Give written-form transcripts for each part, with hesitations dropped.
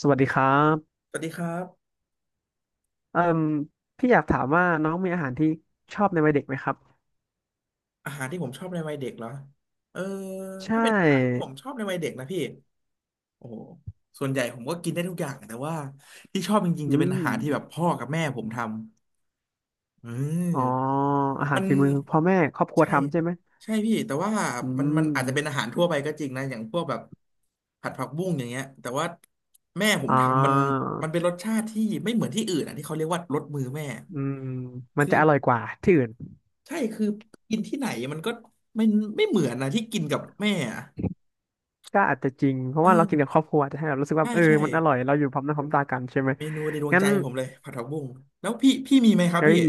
สวัสดีครับสวัสดีครับเอ่มพี่อยากถามว่าน้องมีอาหารที่ชอบในวัยเด็กไหมครับอาหารที่ผมชอบในวัยเด็กเหรอเออใช่ถ้าเป็นอาหารที่ผมชอบในวัยเด็กนะพี่โอ้โหส่วนใหญ่ผมก็กินได้ทุกอย่างแต่ว่าที่ชอบจริงอืๆจะเป็นมอาหารที่แบบพ่อกับแม่ผมทำเอออ๋ออาหามัรนฝีมือพ่อแม่ครอบครัวใช่ทำใช่ไหมใช่พี่แต่ว่าอืมันอาจจะเป็นอามหารทั่วไปก็จริงนะอย่างพวกแบบผัดผักบุ้งอย่างเงี้ยแต่ว่าแม่ผมอ่ทำมันามันเป็นรสชาติที่ไม่เหมือนที่อื่นอ่ะที่เขาเรียกว่ารสมือแม่อืมมันคือ จะอร่อยกว่าที่อื่นใช่คือกินที่ไหนมันก็ไม่ไม่เหมือนนะที่กินกับแม่อะก็อาจจะจริงเพราะเออว่าเรากินกับครอบครัวจะให้เรารู้สึกว่าใช่เออใช่มันอร่อยเราอยู่พร้อมหน้าพร้อมตากันใช่ไหมเมนูในดวงงั้ใจนผมเลยผัดผักบุ้งแล้วพี่มีไหมครับเอ้พี่ย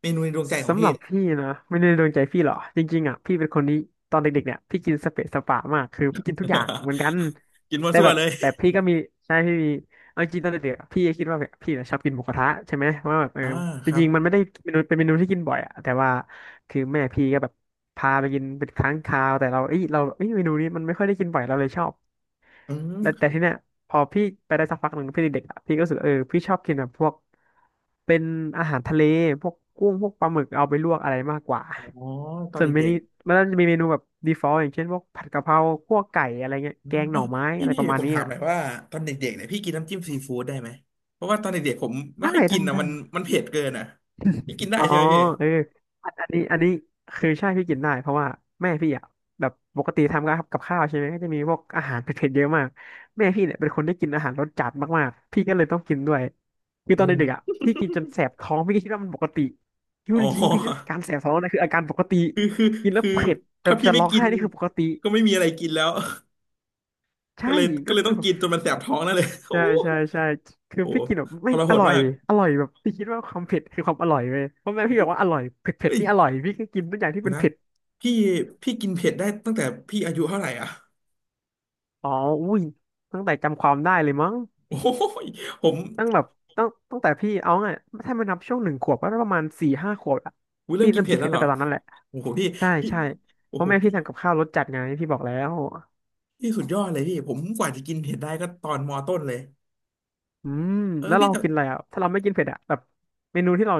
เมนูในดวงใจของสำหพี่ รับพี่นะไม่ได้โดนใจพี่หรอกจริงๆอ่ะพี่เป็นคนนี้ตอนเด็กๆเนี่ยพี่กินสเปะสปะมากคือพี่กินทุกอย่างเหมือนกัน กินมั่วแต่ซั่แบวบเลยแต่พี่ก็มีใช่พี่มีเอาจริงตอนเด็กๆอะพี่ก็คิดว่าแบบพี่น่ะชอบกินหมูกระทะใช่ไหมว่าแบบเอออ่าคจรับริงๆมันไม่ได้เมนูเป็นเมนูที่กินบ่อยอ่ะแต่ว่าคือแม่พี่ก็แบบพาไปกินเป็นครั้งคราวแต่เราเอ้ยเมนูนี้มันไม่ค่อยได้กินบ่อยเราเลยชอบ อืแล้วมแต่ที่เนี้ยพอพี่ไปได้สักพักหนึ่งพี่เด็กๆอะพี่ก็รู้สึกเออพี่ชอบกินแบบพวกเป็นอาหารทะเลพวกกุ้งพวกปลาหมึกเอาไปลวกอะไรมากกว่าอ๋อตอนส่วนเมเด็นูกมันก็จะมีเมนูแบบดีฟอลต์อย่างเช่นพวกผัดกะเพราคั่วไก่อะไรเงี้ยๆอืแกมงหอ๋อน่อไม้พี่อะไรพี่ประมาณผมนี้ถามอะหน่อยว่าตอนเด็กๆเนี่ยพี่กินน้ำจิ้มซีฟู้ดได้ไหมเพราะว่าตอนเด็กๆผมไม่ได้ค่อยกิได้นนะได้ มันมันเผ็ดเกินอ่ะพี่กินได้อ๋อใช่ไหมพี่เอออันนี้อันนี้คือใช่พี่กินได้เพราะว่าแม่พี่อ่ะแบบปกติทำกับข้าวใช่ไหมก็จะมีพวกอาหารเผ็ดๆเยอะมากแม่พี่เนี่ยเป็นคนที่กินอาหารรสจัดมากๆพี่ก็เลยต้องกินด้วยคือตอนเด็กๆอ่ะโพี่กินจนแสบท้องพี่ก็คิดว่ามันปกติคิดอ้ว่าจโห ริงๆพี่คิ่การแสบท้องนั่นคืออาการปกติคือคือกินแล้วคือเผ็ดจะถ้าพี่จะไม่ร้องกิไห้นนี่คือปกติก็ไม่มีอะไรกินแล้ว ใช่ก็เลยก็ก็เลยคืต้อองแบบกินจนมันแสบท้องนั่นเลย โอ้ใช่ยใช่ใช่คือโหพี่กินแบบทแม่งรหอดร่อยมากอร่อยแบบพี่คิดว่าความเผ็ดคือความอร่อยเลยเพราะแม่พี่บอกว่าอร่อยเผ็ดเผ็ดเฮ้ยนี่อร่อยพี่ก็กินทุกอย่างที่เดี๋ยวเป็นนะเผ็ด พี่พี่กินเผ็ดได้ตั้งแต่พี่อายุเท่าไหร่อ่ะ อ๋ออุ้ยตั้งแต่จำความได้เลยมั้ง โอ้ยผมตั้งแบบตั้งแต่พี่เอาไงถ้ามันนับช่วงหนึ่งขวบก็ประมาณสี่ห้าขวบอะอุ๊ยเริ่พี่มกินเริ่มเผ็กิดนแล้เผ็วดเหรตั้งอแต่ตอนนั้นแหละ โอ้โหพี่ใช่พี่ใช่โอ้เพราะโหแม่พี่ทำกับข้าวรสจัดไงพี่บอกแล้ว พี่สุดยอดเลยพี่ผมกว่าจะกินเผ็ดได้ก็ตอนมอต้นเลยอืม เออแล้วพี่เราแต่ กินอะไรอ่ะถ้าเราไม่กินเผ็ดอ่ะแบบเมนูที่เรา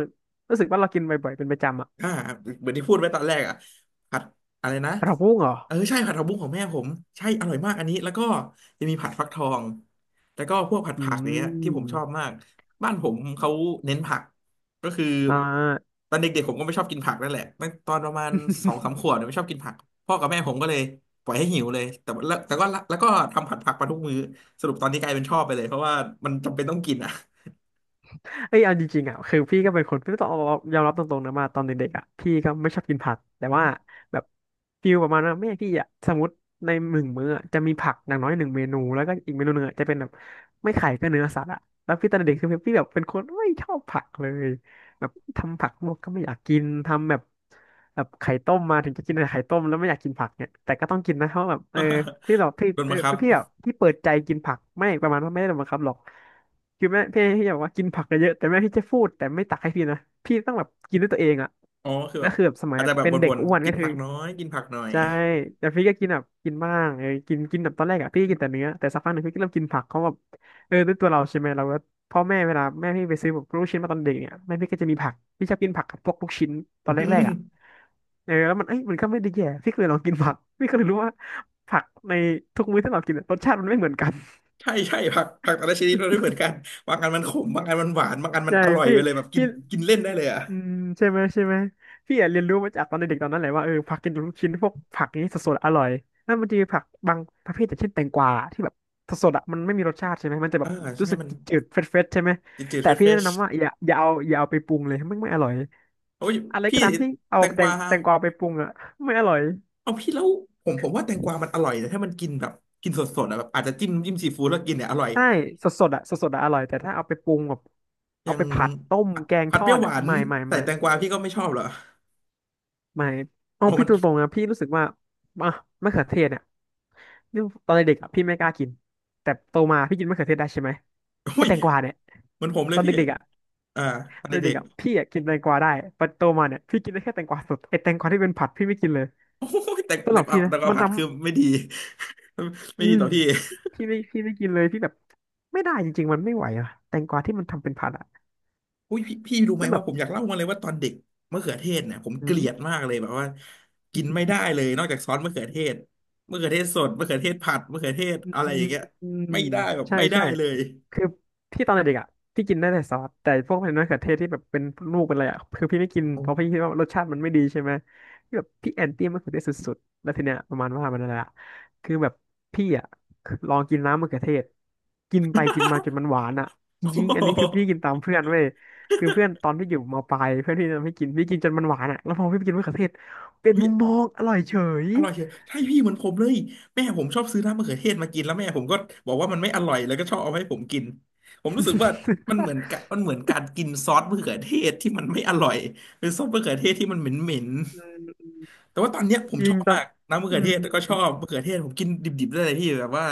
รู้สึกว่าเรากินบ่อยๆเป็นประจำอ่ะอ่าเหมือนที่พูดไว้ตอนแรกอ่ะผัดอะไรนะกระเพราะกุ้งเหรอเออใช่ผัดผักบุ้งของแม่ผมใช่อร่อยมากอันนี้แล้วก็จะมีผัดฟักทองแล้วก็พวกผัดอืผักอย่างเงี้ยที่ผมชอบมมากบ้านผมเขาเน้นผักก็คืออ่า ตอนเด็กๆผมก็ไม่ชอบกินผักนั่นแหละตั้งตอนประมาณสองสามขวบเนี่ยไม่ชอบกินผักพ่อกับแม่ผมก็เลยปล่อยให้หิวเลยแต่ว่าแล้วแต่ก็ละแล้วก็ทำผัดผักมาทุกมื้อสรุปตอนนี้กลายเป็นชอบไปเลยเพราะว่ามันจำเป็นต้องกินอ่ะ เอ้ยเอาจริงๆอ่ะคือพี่ก็เป็นคนพี่ต้องเยอมรับตรงๆนะมาตอนเด็กๆอ่ะพี่ก็ไม่ชอบกินผักแต่ว่าแบบฟิลประมาณว่าแม่พี่อ่ะสมมติในหนึ่งมื้ออะจะมีผักอย่างน้อยหนึ่งเมนูแล้วก็อีกเมนูหนึ่งอะจะเป็นแบบไม่ไข่ก็เนื้อสัตว์อ่ะแล้วพี่ตอนเด็กคือพี่แบบเป็นคนไม่ชอบผักเลยแบบทำผักลวกก็ไม่อยากกินทำแบบแบบไข่ต้มมาถึงจะกินแต่ไข่ต้มแล้วไม่อยากกินผักเนี่ยแต่ก็ต้องกินนะเพราะแบบเออพี่แบบพี่ โดนบัพี่งคับ พี่แบบพี่เปิดใจกินผักไม่ประมาณว่าไม่ได้โดนบังคับหรอก คือแม่พี่บอกว่ากินผักเยอะๆแต่แม่พี่จะพูดแต่ไม่ตักให้พี่นะพี่ต้องแบบกินด้วยตัวเองอ่ะอ๋อคือแล้แบวบคือแบบสมัอายจจะแบบเป็นเด็วกนอ้วนๆกิก็นคืผัอกน้อยกินผักหน่อย ใช่แต่พี่ก็กินแบบกินบ้างเออกินกินแบบตอนแรกอ่ะพี่ก็กินแต่เนื้อแต่สักพักหนึ่งพี่ก็เริ่มกินผักเขาแบบเออด้วยตัวเราใช่ไหมเราก็พ่อแม่เวลาแม่พี่ไปซื้อแบบลูกชิ้นมาตอนเด็กเนี่ยแม่พี่ก็จะมีผักพี่ชอบกินผักกับพวกลูกชิ้นต ออืนแรกมๆอ่ะเออแล้วมันเอ้ยมันก็ไม่ได้แย่พี่ก็เลยลองกินผักพี่ก็เลยรู้ว่าผักในทุกมื้อที่เรากินอะรสชาติมันไม่เหมือนกันใช่ใช่ผักแต่ละชนิดมันไม่เหมือนกันบางอันมันขมบางอันมันหวานบางอันมันใช่อร่อยพี่ไปเลยแบบกิพี่ นกินเล่นได้เลยอ่ะอืมใช่ไหมใช่ไหมพี่อะเรียนรู้มาจากตอนเด็กๆตอนนั้นแหละว่าเออผักกินลูกชิ้นพวกผักนี้สดๆอร่อยแล้วมันจะมีผักบางประเภทอย่างเช่นแตงกวาที่แบบสดๆอะมันไม่มีรสชาติใช่ไหมมันจะแบอ่าบรู้ใช่สึกมันจืดๆเฟรชๆใช่ไหมจืดๆแต่เฟรชพี่เฟแนะชนำว่าอย่าเอาไปปรุงเลยไม่อร่อยโอ้ยอะไรพี่ก็ตามที่เอาแตงกแตงวาแตงกวาไปปรุงอะไม่อร่อยเอาพี่แล้วผมว่าแตงกวามันอร่อยแต่ถ้ามันกินแบบกินสดๆอะแบบอาจจะจิ้มซีฟู้ดแล้วกินเนี่ยอร่อยใช่สดๆอะสดๆอะอร่อยแต่ถ้าเอาไปปรุงแบบอเอาย่างไปผัดต้มผัดแกงผัทดเปอรี้ยวดหอะวานไม่ไม่ใส่ไม่ แตงกวาพี่ก็ไม่ชอบเหรอไม่เอาอ๋อพี่มันตรงๆนะพี่รู้สึกว่าอ่ะมะเขือเทศเนี่ยนี่ตอนเด็กๆอ่ะพี่ไม่กล้ากินแต่โตมาพี่กินมะเขือเทศได้ใช่ไหมไอ้อุ้ยแตงกวาเนี่ยมันผมเลตยอนพี่เด็กๆอ่ะอ่าตอนตอนเด็เด็กก ๆอ่ะพี่อ่ะกินแตงกวาได้แต่โตมาเนี่ยพี่กินได้แค่แตงกวาสดไอ้แตงกวาที่เป็นผัดพี่ไม่กินเลย โอ้โหแต่สำหแต่รับกวาพี่นะแต่กวามันผัดน้คือไม่ดี ำไม่อืดีมต่อพี่พี่ไม่กินเลยพี่แบบไม่ได้จริงๆมันไม่ไหวอ่ะแตงกวาที่มันทำเป็นผัดอ่ะอุ้ยพี่รู้ไหมนั่นแบว่าบ ผมอยากเล่ามาเลยว่าตอนเด็กมะเขือเทศเนี่ยผมเกลียดมากเลยแบบว่ากินไม่ได้เลยนอกจากซอสมะเขือเทศมะเขือเทศสดมะเขือเทศผัดมะเขือเทศอือะไรอมย่างเงี้ยอืมไม่ได้แบบใช่ไม่ได้ใช่เลยคือพี่ตอนเด็กๆอ่ะพี่กินได้แต่ซอสแต่พวกเป็นมะเขือเทศที่แบบเป็นลูกเป็นอะไรอ่ะคือพี่ไม่กินโอ้ เพราะพี่คิดว่ารสชาติมันไม่ดีใช่ไหมพี่แบบพี่แอนตี้มะเขือเทศสุดๆแล้วทีเนี้ยประมาณว่ามันอะไรอ่ะคือแบบพี่อ่ะลองกินน้ำมะเขือเทศกินไปกินมาจนมันหวานอ่ะจริงๆอันนี้คือ พี่กินตามเพื่อนเว้ยคือเพื่อนตอนพี่อยู่มปลายเพื่อนพี่ทำให้กินพี่กินจนมันหวานอ่ะแล้วพอพี่ไปกินมะเขือเทศเป็นมุมโห มองอร่อยเฉย อร่อยเชียวใช่พี่เหมือนผมเลยแม่ผมชอบซื้อน้ำมะเขือเทศมากินแล้วแม่ผมก็บอกว่ามันไม่อร่อยแล้วก็ชอบเอาให้ผมกินผมรู้สึกว่ามันเหมือนการกินซอสมะเขือเทศที่มันไม่อร่อยหรือซอสมะเขือเทศที่มันเหม็นแต่ว่าตอนเนี้ยผม ชยิองบตอมานกน้ำมะอืเขือเทศก็ชอบมมะเขือเทศผมกินดิบๆได้เลยพี่แบบว่า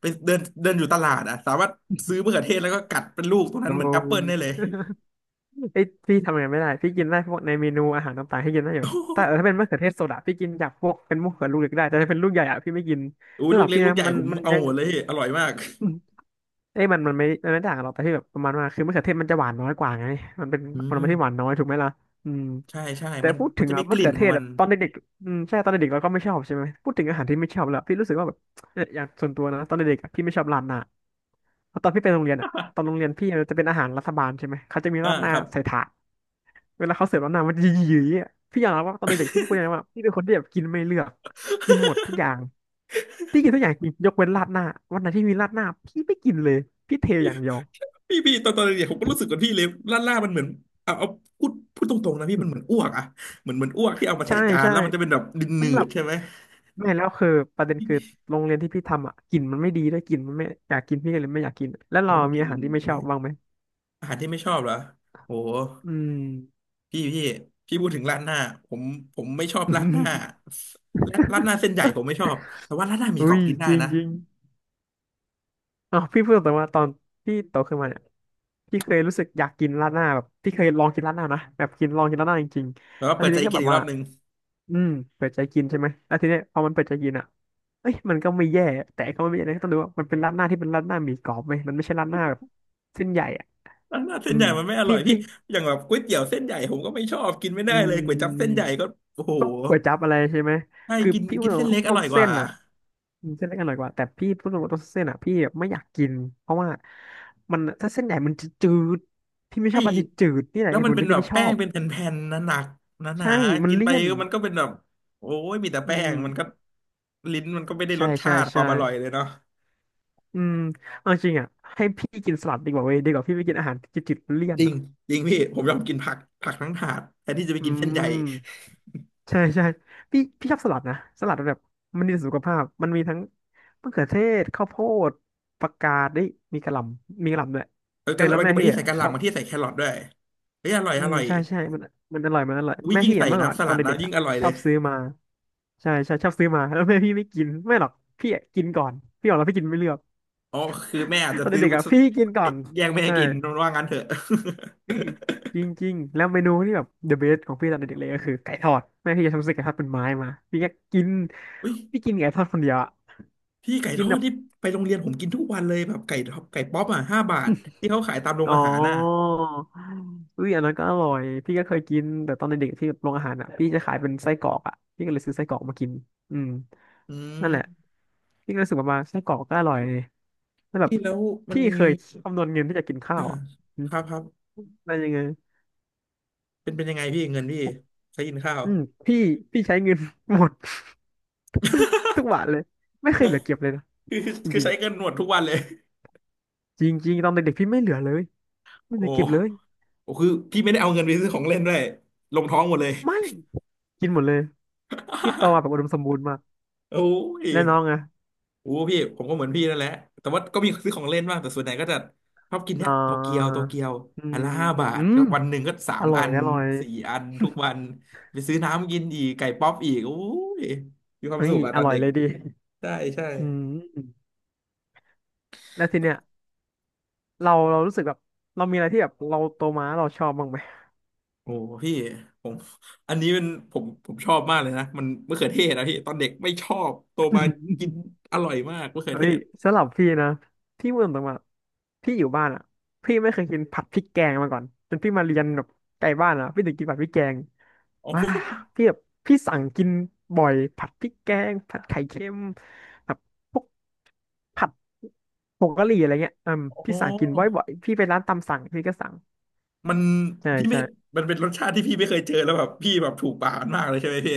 ไปเดินเดินอยู่ตลาดอ่ะสามารถซื้อมะเขือเทศแล้วก็กัดเป็นลูกตรงนั้โอ้ นเหมือนแอปเปิลได้เลย ไอ้ยพี่ทำอย่างนั้นไม่ได้ พี่กินได้พวกในเมนูอาหารต่างๆให้กินได้อยู่ แต่เออถ้าเป็นมะเขือเทศโซดาพี่กินจากพวกเป็นมะเขือลูกเล็กได้ แต่ถ้าเป็นลูกใหญ่อะพี่ไม่กินอู้ยสำหลูกรับเล็กพี่ลูนะกใหญ่มันผมมันเอายัง หมดเลยพี่อร่อยมากเอ้ยมันไม่ต่างกันหรอกแต่ที่แบบประมาณว่าคือมะเขือเทศมันจะหวานน้อยกว่าไงมันเป็นอืผมลไม้ที่หวานน้อยถูกไหมล่ะอืมใช่ใช่แต่มันพูดมัถึนงจะมีอะกมะลิ่เขืนอขเทองศมัน อะตอนเด็กๆอืมใช่ตอนเด็กๆเราก็ไม่ชอบใช่ไหมพูดถึงอาหารที่ไม่ชอบแล้วพี่รู้สึกว่าแบบเอออย่างส่วนตัวนะตอนเด็กๆอะพี่ไม่ชอบราดหน้าเพราะตอนพี่ไปโรงเรียนอะตอนโรงเรียนพี่มันจะเป็นอาหารรัฐบาลใช่ไหมเขาจะมี อ่าราดหน้าครับ ใส่ถาดเวลาเขาเสิร์ฟราดหน้ามันจะหยีๆอะพี่อยากรับว่าตอนเด็กๆพี่พูดเลยนะว่าพี่เป็นคนที่แบบกินไม่เลือกกินหมดทุก อย่างที่กินทุกอย่างจิงยกเว้นราดหน้าวันไหนที่มีราดหน้าพี่ไม่กินเลยพี่เทอย่างเดียว พี่พี่ตอนเด็กๆผมก็รู้สึกกับพี่เลยล่ามันเหมือนเอาพูดตรงๆนะพี่มันเหมือนอ้วกอะเหมือนอ้วกที่เอามาใส่ใช่จานใช่แล้วมันจะเป็นแบบดินหนืสำหรัดบๆใช่ไหมแม่แล้วคือประเด็นคือโรงเรียนที่พี่ทำอ่ะกลิ่นมันไม่ดีด้วยกลิ่นมันไม่อยากกินพี่ก็เลยไม่อยากกินแล้วโอ้เรามีกินอาหารที่ไม่อะชไรอบบ้างไหมอาหารที่ไม่ชอบเหรอโอ้อืม พี่พี่พี่พูดถึงราดหน้าผมผมไม่ชอบราดหน้าและราดหน้าเส้นใหญ่ผมไม่ช อบแต่ว่าราดหน้าหมีกรอุ้อบยกินได้จริงนะจริงอ๋อพี่พูดแต่ว่าตอนพี่โตขึ้นมาเนี่ยพี่เคยรู้สึกอยากกินราดหน้าแบบพี่เคยลองกินราดหน้านะแบบกินลองกินราดหน้าจริงแต่ๆว่าแล้วเปิทีดใจนี้ก็กิแบนบอีกรว่าอบหนึ่งอืมเปิดใจกินใช่ไหมแล้วทีเนี้ยพอมันเปิดใจกินอ่ะเอ้ยมันก็ไม่แย่แต่ก็ไม่แย่นะต้องดูว่ามันเป็นราดหน้าที่เป็นราดหน้าหมี่กรอบไหมมันไม่ใช่ราดหน้าแบบเส้นใหญ่ ราดหน้าเส้อืนใหมญ่มันไม่อร่พี่อยพี่พี่อย่างแบบก๋วยเตี๋ยวเส้นใหญ่ผมก็ไม่ชอบกินไม่อืได้เลมยก๋วยจั๊บเส้นใหญ่ก็โอ้โหพวกก๋วยจั๊บอะไรใช่ไหมใช่คือกินพี่พูกิดนตรเส้งนเล็กๆพอวกร่อยกเส้ว่า นอ่ะอืมเส้นเล็กอร่อยกว่าแต่พี่พูดตรงๆตัวเส้นอ่ะพี่ไม่อยากกินเพราะว่ามันถ้าเส้นใหญ่มันจะจืดพี่ไม่ชไอ้อบอะไรที่จืดนี่แหละแล้วเหตุมัผนลเป็นที่แบพี่บไม่ชแป้องบเป็นแผ่นๆหนักๆหนาใช่ๆมันกินไปเลี่ยนก็มันก็เป็นแบบโอ้ยมีแต่อืแป้งมมันก็ลิ้นมันก็ไม่ได้รใช่สชาใช่ติควาใช่มอร่อยเลยเนาะอืมเอาจริงอ่ะให้พี่กินสลัดดีกว่าเว้ยดีกว่าพี่ไปกินอาหารจืดๆเลี่ยนจริงอ่ะจริงพี่ผมยอมกินผักผักทั้งถาดแทนที่จะไปอืกินเส้นใหญ่ม ใช่ใช่พี่ชอบสลัดนะสลัดแบบมันดีต่อสุขภาพมันมีทั้งมะเขือเทศข้าวโพดผักกาดได้ยมีกะหล่ำมีกะหล่ำด้วยเออเออกะหแล้ล่ำวบางแม่ทีบางพี่ที่อ่ะใส่กะหชอล่ำบบางที่ใส่แครอทด้วยเฮ้ยอร่อยอือมร่อยใช่ใช่มันอร่อยมันอร่อยอุ้ยแม่ยิ่งพี่ใส่อ่ะเมื่อก่อนน้ำสตอลันดนะเด็กๆยิ่งอะอร่อยชเลอยบซื้อมาใช่ใช่ชอบซื้อมาแล้วแม่พี่ไม่กินไม่หรอกพี่อ่ะกินก่อนพี่บอกแล้วพี่กินไม่เลือก อ๋อคือแม่อาจ จะตอนซื้อเด็กมาๆอ่ะพี่กินก่อนแย่งแม่ใช่ กินว่างั้นเถอะ นี่จริงๆแล้วเมนูที่แบบ the best ของพี่ตอนเด็กๆเลยก็คือไก่ทอดแม่พี่จะทำซื้อไก่ทอดเป็นไม้มาพี่ก็กิน อุ้ย พี่กินไก่ทอดคนเดียวอะพี่ไก่ทกินอแบดบที่ไปโรงเรียนผมกินทุกวันเลยแบบไก่ทอดไก่ป๊อปอ่ะห้าบาทที่เขาขายตามโรงอ๋ออาหารน่ะอุ้ยอันนั้นก็อร่อยพี่ก็เคยกินแต่ตอนเด็กๆที่โรงอาหารอ่ะพี่จะขายเป็นไส้กรอกอ่ะพี่ก็เลยซื้อไส้กรอกมากินอืมอืนั่นแหละมพี่ก็รู้สึกว่ามาไส้กรอกก็อร่อยเลยแล้วแบบพี่แล้วมันพี่มีเคยคำนวณเงินที่จะกินข้าอ่าวอ่ะอืมครับครับได้ยังไงเป็นยังไงพี่เงินพี่ใช้กินข้าวอืมพี่พี่ใช้เงิน หมดทุกบาทเลยไม่เคยเหลือเก็บเลยนะคือคืจอริง ใช้เงินหมดทุกวันเลยจริงจริงตอนเด็กๆพี่ไม่เหลือเลยไม่เหโอ้ลือเก็บเลยโอ้คือพี่ไม่ได้เอาเงินไปซื้อของเล่นด้วยลงท้องหมดเลย ไม่กินหมดเลยพี่โตมาแบบอุดม สมบูรณ์มากโอ้ย และน้องอะโอ้พี่ผมก็เหมือนพี่นั่นแหละแต่ว่าก็มีซื้อของเล่นบ้างแต่ส่วนใหญ่ก็จะชอบกินเนี้ยอ่าโตเกียวโตเกียวอือัมนละห้าอืมบาทอืมก็วันหนึ่งก็สาอมร่ออัยนอร่อยสี่อันทุกวันไปซื้อน้ำกินอีกไก่ป๊อปอีกโอ้ยมีความเฮ้สุยขอะอตอนร่อยเด็กเลยดิใช่ใช่อืมแล้วทีเนี้ยเราเรารู้สึกแบบเรามีอะไรที่แบบเราโตมาแล้วเราชอบบ้างไหม โอ้พี่ผมอันนี้เป็นผมชอบมากเลยนะมันมะเขือเทศนะพี่ตอนเด็กไม่ชอบโตมากิน อร่อยมากมะเขือเฮ้เทยศสำหรับพี่นะ พี่เมื่อตรงมาพี่อยู่บ้านอ่ะพี่ไม่เคยกินผัดพริกแกงมาก่อน จนพี่มาเรียนแบบไกลบ้านอ่ะพี่ถึงกินผัดพริกแกงอ๋อว้าพี่แบบพี่สั่งกินบ่อยผัดพริกแกงผัดไข่เค็มแบบพวกผัดผงกะหรี่อะไรเงี้ยอืมอ๋พี่สั่งกินอบ่อยๆพี่ไปร้านตามสั่งพี่ก็สั่งมันใช่พี่ไม่ใช่ มันเป็นรสชาติที่พี่ไม่เคยเจอแล้วแบบพี่แบบถูกปากมันมากเลยใช่ไหมพี่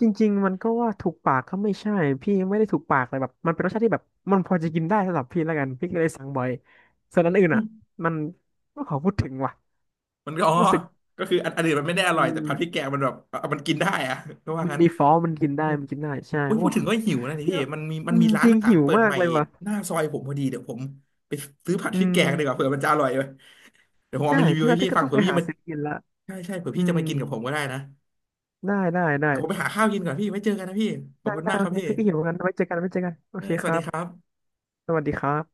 จริงๆมันก็ว่าถูกปากก็ไม่ใช่พี่ไม่ได้ถูกปากเลยแบบมันเป็นรสชาติที่แบบมันพอจะกินได้สำหรับพี่แล้วกันพี่ก็เลยสั่งบ่อยส่วนอันอื่นอ่ะมันไม่ขอพูดถึงว่ะมันก็อ๋อรู้สึกก็คืออันอื่นมันไม่ได้ออืร่อยแต่มผัดพริกแกงมันแบบเอามันกินได้อะก็ว่ามันงั้นมีฟอสมันกินได้มันกินได้ใช่อุ้ยโอ้พูดถึงก็หิวนะนี่พี่พี่ว่ามัอืนมมีร้าจนริงอาหาหิรวเปิดมาใหกม่เลยว่ะหน้าซอยผมพอดีเดี๋ยวผมไปซื้อผัดอืพริกมแกงดีกว่าเผื่อมันจะอร่อยเลยเดี๋ยวผมเอาใช่มารีวิวพี่ให้ว่าพี่พี่ก็ฟังต้องเผื่อไปพี่หามาซื้อกินละใช่ใช่เผื่ออืพี่จะมมากินกับผมก็ได้นะได้ได้ได้แต่ผมไปหาข้าวกินก่อนพี่ไว้เจอกันนะพี่ขอบได้คุณได้มากโอครับเคพี่พี่ก็หิวเหมือนกันไว้เจอกันไว้เจอกันโอเออเคสควัสรัดีบครับสวัสดีครับ